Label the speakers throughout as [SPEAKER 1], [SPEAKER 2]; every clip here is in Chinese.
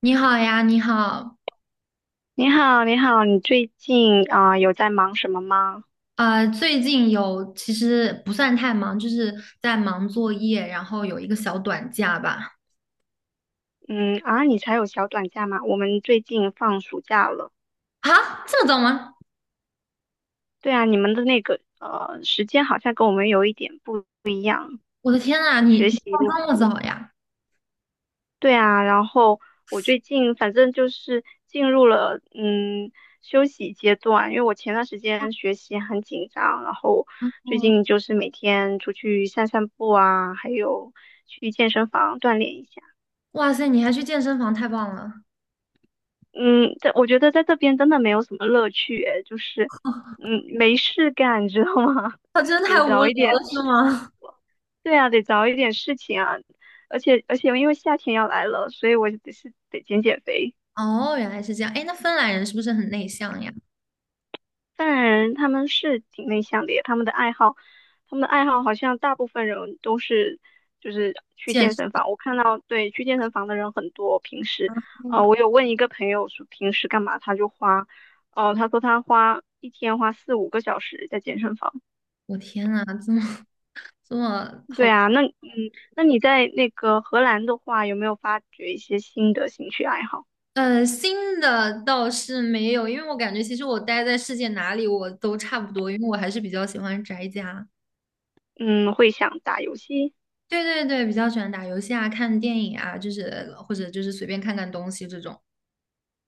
[SPEAKER 1] 你好呀，你好。
[SPEAKER 2] 你好，你好，你最近啊、有在忙什么吗？
[SPEAKER 1] 最近有其实不算太忙，就是在忙作业，然后有一个小短假吧。
[SPEAKER 2] 嗯啊，你才有小短假吗？我们最近放暑假了。
[SPEAKER 1] 啊，这么早吗？
[SPEAKER 2] 对啊，你们的那个时间好像跟我们有一点不
[SPEAKER 1] 我的天呐，你
[SPEAKER 2] 学
[SPEAKER 1] 你
[SPEAKER 2] 习
[SPEAKER 1] 放
[SPEAKER 2] 的。
[SPEAKER 1] 这么早呀？
[SPEAKER 2] 对啊，然后我最近反正就是进入了休息阶段，因为我前段时间学习很紧张，然后最
[SPEAKER 1] 哇
[SPEAKER 2] 近就是每天出去散散步啊，还有去健身房锻炼一下。
[SPEAKER 1] 哇塞，你还去健身房，太棒了！
[SPEAKER 2] 嗯，在我觉得在这边真的没有什么乐趣，哎，就是，没事干，你知道吗？
[SPEAKER 1] 他真的太
[SPEAKER 2] 得
[SPEAKER 1] 无
[SPEAKER 2] 找一
[SPEAKER 1] 聊了，
[SPEAKER 2] 点
[SPEAKER 1] 是
[SPEAKER 2] 事情。
[SPEAKER 1] 吗？
[SPEAKER 2] 对啊，得找一点事情啊，而且因为夏天要来了，所以我就是得减减肥。
[SPEAKER 1] 哦，原来是这样。哎，那芬兰人是不是很内向呀？
[SPEAKER 2] 当然，他们是挺内向的耶他们的爱好，他们的爱好好像大部分人都是就是去
[SPEAKER 1] 健
[SPEAKER 2] 健身
[SPEAKER 1] 身
[SPEAKER 2] 房。我看到，对，去健身房的人很多。平时，
[SPEAKER 1] 啊，哇
[SPEAKER 2] 我有问一个朋友说平时干嘛，他就花，哦、他说他花一天花四五个小时在健身房。
[SPEAKER 1] 我天呐，这么好，
[SPEAKER 2] 对啊，那那你在那个荷兰的话，有没有发掘一些新的兴趣爱好？
[SPEAKER 1] 新的倒是没有，因为我感觉其实我待在世界哪里我都差不多，因为我还是比较喜欢宅家。
[SPEAKER 2] 嗯，会想打游戏。
[SPEAKER 1] 对对对，比较喜欢打游戏啊、看电影啊，就是或者就是随便看看东西这种。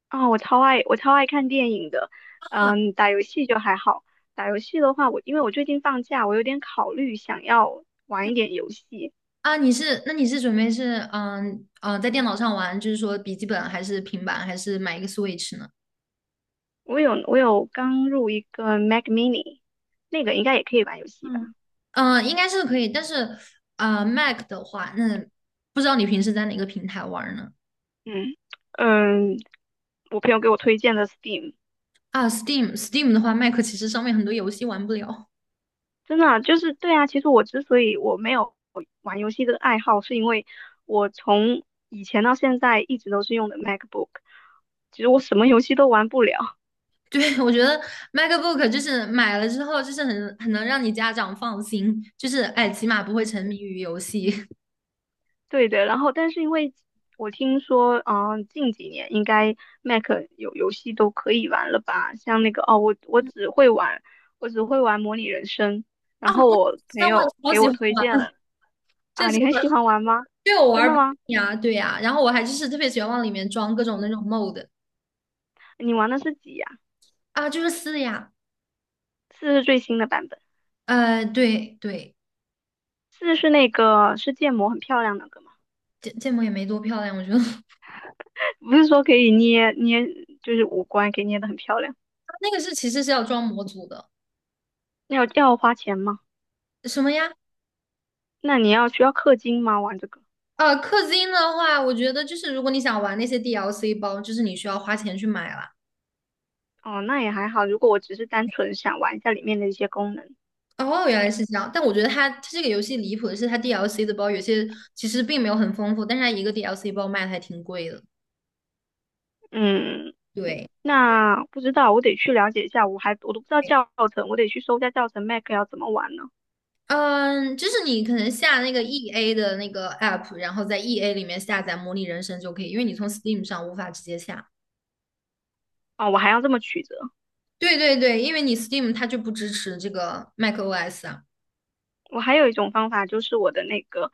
[SPEAKER 2] 啊，我超爱看电影的，
[SPEAKER 1] 啊
[SPEAKER 2] 打游戏就还好。打游戏的话，我因为我最近放假，我有点考虑想要玩一点游戏。
[SPEAKER 1] 啊，你是准备在电脑上玩，就是说笔记本还是平板，还是买一个 Switch 呢？
[SPEAKER 2] 我有刚入一个 Mac Mini,那个应该也可以玩游戏吧？
[SPEAKER 1] 嗯，嗯，应该是可以，但是Mac 的话，那不知道你平时在哪个平台玩儿呢？
[SPEAKER 2] 嗯嗯，我朋友给我推荐的 Steam,
[SPEAKER 1] 啊，Steam，Steam 的话，Mac 其实上面很多游戏玩不了。
[SPEAKER 2] 真的啊就是对啊。其实我之所以我没有玩游戏的爱好，是因为我从以前到现在一直都是用的 MacBook,其实我什么游戏都玩不了。
[SPEAKER 1] 对，我觉得 MacBook 就是买了之后，就是很能让你家长放心，就是哎，起码不会沉迷于游戏。
[SPEAKER 2] 对的，然后但是因为我听说，近几年应该 Mac 有游戏都可以玩了吧？像那个哦，我只会玩模拟人生，然后我朋
[SPEAKER 1] 那我也
[SPEAKER 2] 友
[SPEAKER 1] 超
[SPEAKER 2] 给
[SPEAKER 1] 喜
[SPEAKER 2] 我
[SPEAKER 1] 欢
[SPEAKER 2] 推荐
[SPEAKER 1] 玩，
[SPEAKER 2] 了，
[SPEAKER 1] 这
[SPEAKER 2] 啊，
[SPEAKER 1] 是
[SPEAKER 2] 你很喜欢玩吗？
[SPEAKER 1] 为我
[SPEAKER 2] 真
[SPEAKER 1] 玩
[SPEAKER 2] 的
[SPEAKER 1] 不
[SPEAKER 2] 吗？
[SPEAKER 1] 腻啊，对呀、然后我还就是特别喜欢往里面装各种那种 mod
[SPEAKER 2] 你玩的是几呀、
[SPEAKER 1] 啊，就是撕的呀，
[SPEAKER 2] 四是最新的版本，
[SPEAKER 1] 对对，
[SPEAKER 2] 四是那个是建模很漂亮那个吗？
[SPEAKER 1] 建模也没多漂亮，我觉得 它
[SPEAKER 2] 不是说可以捏捏，就是五官给捏的很漂亮，
[SPEAKER 1] 那个是其实是要装模组的。
[SPEAKER 2] 要花钱吗？
[SPEAKER 1] 什么呀？
[SPEAKER 2] 那你要需要氪金吗？玩这个？
[SPEAKER 1] 氪金的话，我觉得就是如果你想玩那些 DLC 包，就是你需要花钱去买了。
[SPEAKER 2] 哦，那也还好。如果我只是单纯想玩一下里面的一些功能，
[SPEAKER 1] 哦，原来是这样。但我觉得它这个游戏离谱的是，它 DLC 的包有些其实并没有很丰富，但是它一个 DLC 包卖的还挺贵的。
[SPEAKER 2] 嗯，
[SPEAKER 1] 对，
[SPEAKER 2] 那不知道，我得去了解一下。我都不知道教程，我得去搜一下教程 Mac 要怎么玩呢？
[SPEAKER 1] 嗯，就是你可能下那个 EA 的那个 app，然后在 EA 里面下载《模拟人生》就可以，因为你从 Steam 上无法直接下。
[SPEAKER 2] 哦，我还要这么曲折。
[SPEAKER 1] 对对对，因为你 Steam 它就不支持这个 macOS 啊。
[SPEAKER 2] 我还有一种方法，就是我的那个，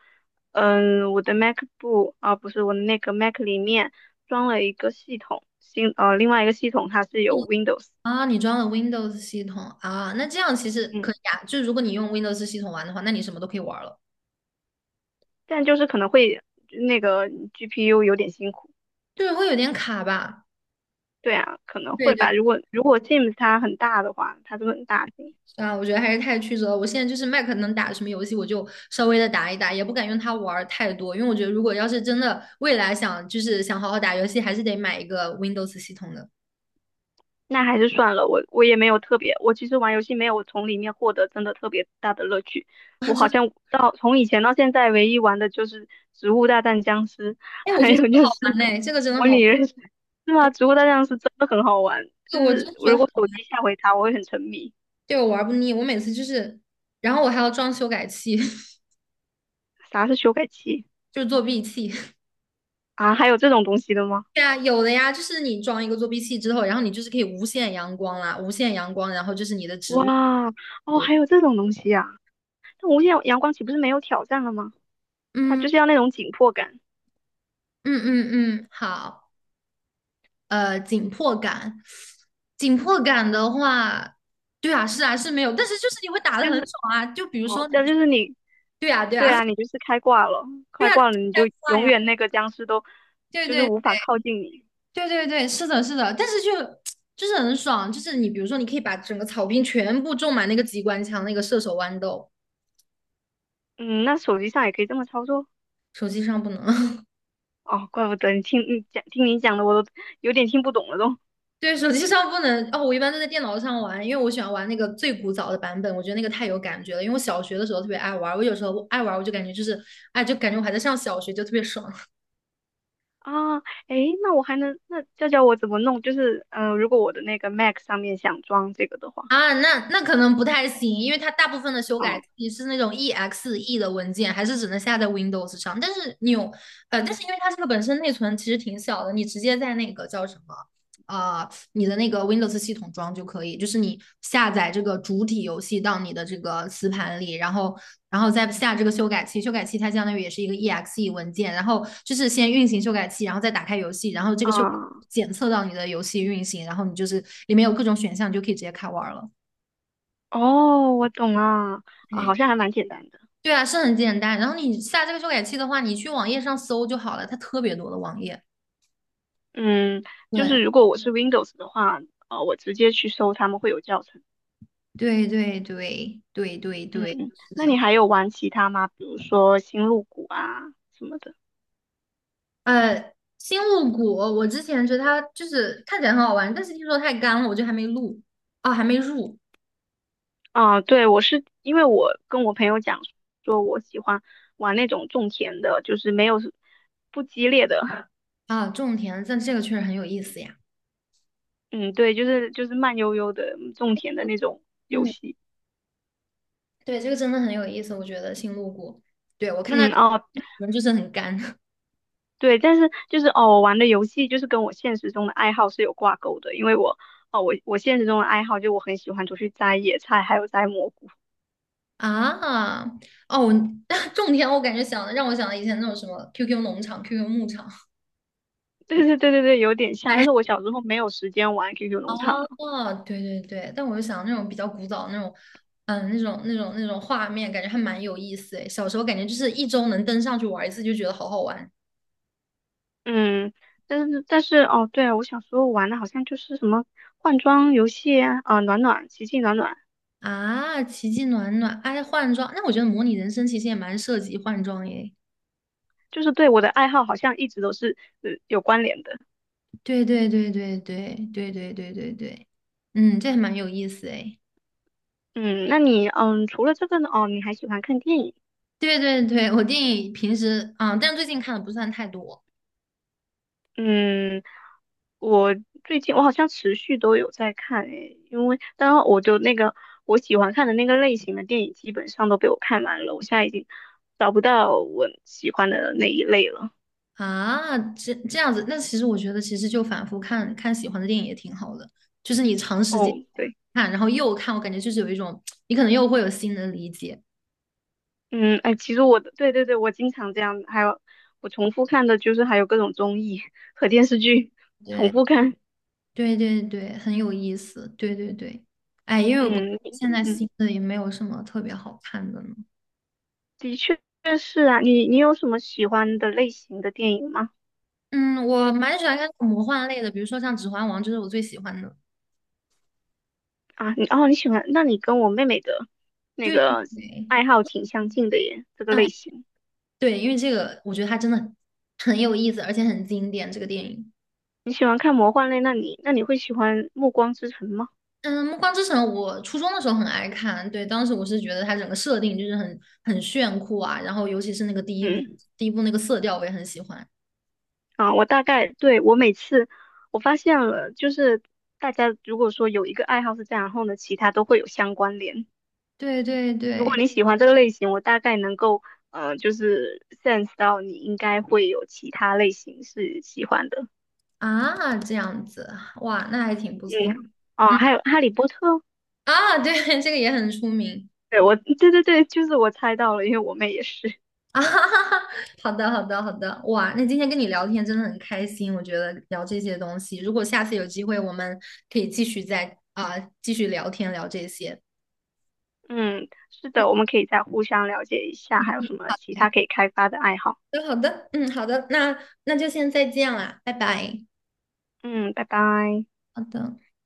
[SPEAKER 2] 我的 MacBook 啊，不是我的那个 Mac 里面装了一个系统，另外一个系统它是有 Windows,
[SPEAKER 1] 啊，你装了 Windows 系统啊，那这样其实
[SPEAKER 2] 嗯，
[SPEAKER 1] 可以啊。就如果你用 Windows 系统玩的话，那你什么都可以玩了。
[SPEAKER 2] 但就是可能会那个 GPU 有点辛苦。
[SPEAKER 1] 对，会有点卡吧？
[SPEAKER 2] 对啊，可能
[SPEAKER 1] 对
[SPEAKER 2] 会
[SPEAKER 1] 对
[SPEAKER 2] 吧。如果 Sims 它很大的话，它就很大型，
[SPEAKER 1] 啊，我觉得还是太曲折了。我现在就是 Mac 能打什么游戏，我就稍微的打一打，也不敢用它玩儿太多，因为我觉得如果要是真的未来想就是想好好打游戏，还是得买一个 Windows 系统的。
[SPEAKER 2] 那还是算了。我也没有特别，我其实玩游戏没有从里面获得真的特别大的乐趣。我好像到从以前到现在，唯一玩的就是《植物大战僵尸》，
[SPEAKER 1] 哎，我
[SPEAKER 2] 还
[SPEAKER 1] 觉得这
[SPEAKER 2] 有
[SPEAKER 1] 个
[SPEAKER 2] 就
[SPEAKER 1] 好
[SPEAKER 2] 是
[SPEAKER 1] 玩嘞，这个真的
[SPEAKER 2] 模拟
[SPEAKER 1] 好，
[SPEAKER 2] 人生。是啊，
[SPEAKER 1] 对，
[SPEAKER 2] 《植物大战僵尸》真的很好玩，
[SPEAKER 1] 这
[SPEAKER 2] 就
[SPEAKER 1] 个我真
[SPEAKER 2] 是
[SPEAKER 1] 的觉得
[SPEAKER 2] 如果
[SPEAKER 1] 好，
[SPEAKER 2] 手机下回它，我会很沉迷。
[SPEAKER 1] 对我玩不腻。我每次就是，然后我还要装修改器，
[SPEAKER 2] 啥是修改器
[SPEAKER 1] 就是作弊器。
[SPEAKER 2] 啊？还有这种东西的吗？
[SPEAKER 1] 对啊，有的呀，就是你装一个作弊器之后，然后你就是可以无限阳光啦，无限阳光，然后就是你的植物。
[SPEAKER 2] 哇，哦，
[SPEAKER 1] 对，
[SPEAKER 2] 还有这种东西啊！那无限阳光岂不是没有挑战了吗？它就
[SPEAKER 1] 嗯
[SPEAKER 2] 是要那种紧迫感，
[SPEAKER 1] 嗯嗯嗯，好。紧迫感。紧迫感的话，对啊，是啊，是没有，但是就是你会打得
[SPEAKER 2] 就
[SPEAKER 1] 很
[SPEAKER 2] 是
[SPEAKER 1] 爽啊。就比如说
[SPEAKER 2] 哦，这样就
[SPEAKER 1] 你，
[SPEAKER 2] 是你
[SPEAKER 1] 对啊，对
[SPEAKER 2] 对
[SPEAKER 1] 啊，
[SPEAKER 2] 啊，你 就是开挂了，
[SPEAKER 1] 对
[SPEAKER 2] 开
[SPEAKER 1] 啊，
[SPEAKER 2] 挂了你就
[SPEAKER 1] 快
[SPEAKER 2] 永
[SPEAKER 1] 呀，
[SPEAKER 2] 远那个僵尸都
[SPEAKER 1] 对
[SPEAKER 2] 就是
[SPEAKER 1] 对
[SPEAKER 2] 无法靠近你。
[SPEAKER 1] 对对对，是的，是的，但是就 就是很爽，就是你比如说你可以把整个草坪全部种满那个机关枪，那个射手豌豆，
[SPEAKER 2] 嗯，那手机上也可以这么操作
[SPEAKER 1] 手机上不能。
[SPEAKER 2] 哦，怪不得你听你讲的我都有点听不懂了都
[SPEAKER 1] 对，手机上不能哦，我一般都在电脑上玩，因为我喜欢玩那个最古早的版本，我觉得那个太有感觉了。因为我小学的时候特别爱玩，我有时候爱玩，我就感觉就是，哎，就感觉我还在上小学，就特别爽。
[SPEAKER 2] 啊，诶，那我还能那教教我怎么弄？就是如果我的那个 Mac 上面想装这个的话，
[SPEAKER 1] 啊，那那可能不太行，因为它大部分的修改
[SPEAKER 2] 嗯
[SPEAKER 1] 器是那种 EXE 的文件，还是只能下在 Windows 上。但是你有，但是因为它这个本身内存其实挺小的，你直接在那个叫什么，呃你的那个 Windows 系统装就可以，就是你下载这个主体游戏到你的这个磁盘里，然后再下这个修改器，修改器它相当于也是一个 exe 文件，然后就是先运行修改器，然后再打开游戏，然后这个
[SPEAKER 2] 啊
[SPEAKER 1] 检测到你的游戏运行，然后你就是里面有各种选项，你就可以直接开玩了。
[SPEAKER 2] 哦，我懂了啊，好像
[SPEAKER 1] 对
[SPEAKER 2] 还蛮简单的。
[SPEAKER 1] 对啊，是很简单。然后你下这个修改器的话，你去网页上搜就好了，它特别多的网页。
[SPEAKER 2] 嗯，就是
[SPEAKER 1] 对
[SPEAKER 2] 如果我是 Windows 的话，我直接去搜他们会有教程。
[SPEAKER 1] 对对对对对
[SPEAKER 2] 嗯，
[SPEAKER 1] 对，是
[SPEAKER 2] 那你
[SPEAKER 1] 的。
[SPEAKER 2] 还有玩其他吗？比如说星露谷啊什么的。
[SPEAKER 1] 星露谷，我之前觉得它就是看起来很好玩，但是听说太干了，我就还没录，啊，还没入
[SPEAKER 2] 啊，对，我是因为我跟我朋友讲说，我喜欢玩那种种田的，就是没有不激烈的。
[SPEAKER 1] 啊，种田，但这个确实很有意思呀。
[SPEAKER 2] 嗯，对，就是慢悠悠的种田的那种游
[SPEAKER 1] 嗯，
[SPEAKER 2] 戏。
[SPEAKER 1] 对，这个真的很有意思，我觉得星露谷，对，我看到
[SPEAKER 2] 嗯，哦，
[SPEAKER 1] 人就是很干
[SPEAKER 2] 对，但是就是哦，我玩的游戏就是跟我现实中的爱好是有挂钩的，因为我哦，我我现实中的爱好就我很喜欢出去摘野菜，还有摘蘑菇。
[SPEAKER 1] 啊，哦，我 种田，我感觉让我想到以前那种什么 QQ 农场、QQ 牧场，
[SPEAKER 2] 对对对对对，有点 像，但
[SPEAKER 1] 哎
[SPEAKER 2] 是我小时候没有时间玩 QQ 农场啊。
[SPEAKER 1] 哦，对对对，但我就想那种比较古早那种，嗯，那种画面，感觉还蛮有意思诶。小时候感觉就是一周能登上去玩一次，就觉得好好玩
[SPEAKER 2] 嗯，但是哦，对啊，我小时候玩的好像就是什么换装游戏啊，啊、暖暖、奇迹暖暖，
[SPEAKER 1] 啊！奇迹暖暖，哎，换装，那我觉得模拟人生其实也蛮涉及换装耶。
[SPEAKER 2] 就是对我的爱好好像一直都是有关联的。
[SPEAKER 1] 对对对对对对对对对对，嗯，这还蛮有意思诶。
[SPEAKER 2] 嗯，那你除了这个呢，哦，你还喜欢看电影？
[SPEAKER 1] 对对对，我电影平时啊，但最近看的不算太多。
[SPEAKER 2] 嗯，我最近我好像持续都有在看诶，因为当然我就那个我喜欢看的那个类型的电影基本上都被我看完了，我现在已经找不到我喜欢的那一类了。
[SPEAKER 1] 啊，这样子，那其实我觉得，其实就反复看看喜欢的电影也挺好的，就是你长时
[SPEAKER 2] 哦，
[SPEAKER 1] 间
[SPEAKER 2] 对，
[SPEAKER 1] 看，然后又看，我感觉就是有一种，你可能又会有新的理解。
[SPEAKER 2] 嗯，哎，其实我的对对对，我经常这样，还有我重复看的就是还有各种综艺和电视剧重
[SPEAKER 1] 对，
[SPEAKER 2] 复看，
[SPEAKER 1] 对对对，很有意思。对对对，哎，因为我
[SPEAKER 2] 嗯
[SPEAKER 1] 现在
[SPEAKER 2] 嗯，
[SPEAKER 1] 新的也没有什么特别好看的呢。
[SPEAKER 2] 的确是啊，你有什么喜欢的类型的电影吗？
[SPEAKER 1] 嗯，我蛮喜欢看魔幻类的，比如说像《指环王》，就是我最喜欢的。
[SPEAKER 2] 啊，你哦，你喜欢，那你跟我妹妹的那
[SPEAKER 1] 对对
[SPEAKER 2] 个
[SPEAKER 1] 对，
[SPEAKER 2] 爱好挺相近的耶，这个
[SPEAKER 1] 啊，
[SPEAKER 2] 类型。
[SPEAKER 1] 对，因为这个我觉得它真的很有意思，而且很经典，这个电影。
[SPEAKER 2] 你喜欢看魔幻类，那你会喜欢《暮光之城》吗？
[SPEAKER 1] 嗯，《暮光之城》我初中的时候很爱看，对，当时我是觉得它整个设定就是很炫酷啊，然后尤其是那个第一部，
[SPEAKER 2] 嗯，
[SPEAKER 1] 第一部那个色调我也很喜欢。
[SPEAKER 2] 啊，我大概对我每次我发现了，就是大家如果说有一个爱好是这样，然后呢，其他都会有相关联。
[SPEAKER 1] 对对
[SPEAKER 2] 如果
[SPEAKER 1] 对，
[SPEAKER 2] 你喜欢这个类型，我大概能够就是 sense 到你应该会有其他类型是喜欢的。
[SPEAKER 1] 啊，这样子，哇，那还挺不错。
[SPEAKER 2] 嗯，哦，
[SPEAKER 1] 嗯，
[SPEAKER 2] 还有《哈利波特》。
[SPEAKER 1] 啊，对，这个也很出名
[SPEAKER 2] 对，我，对对对，就是我猜到了，因为我妹也是。
[SPEAKER 1] 啊。哈哈哈，好的好的好的，哇，那今天跟你聊天真的很开心，我觉得聊这些东西，如果下次有机会，我们可以继续再啊、继续聊天聊这些。
[SPEAKER 2] 嗯，是
[SPEAKER 1] 嗯。好
[SPEAKER 2] 的，我们可以再互相了解一下，还有什么其他可以开发的爱好。
[SPEAKER 1] 好的，好的，嗯，好的，那就先再见啦，拜拜。
[SPEAKER 2] 嗯，拜拜。
[SPEAKER 1] 好的。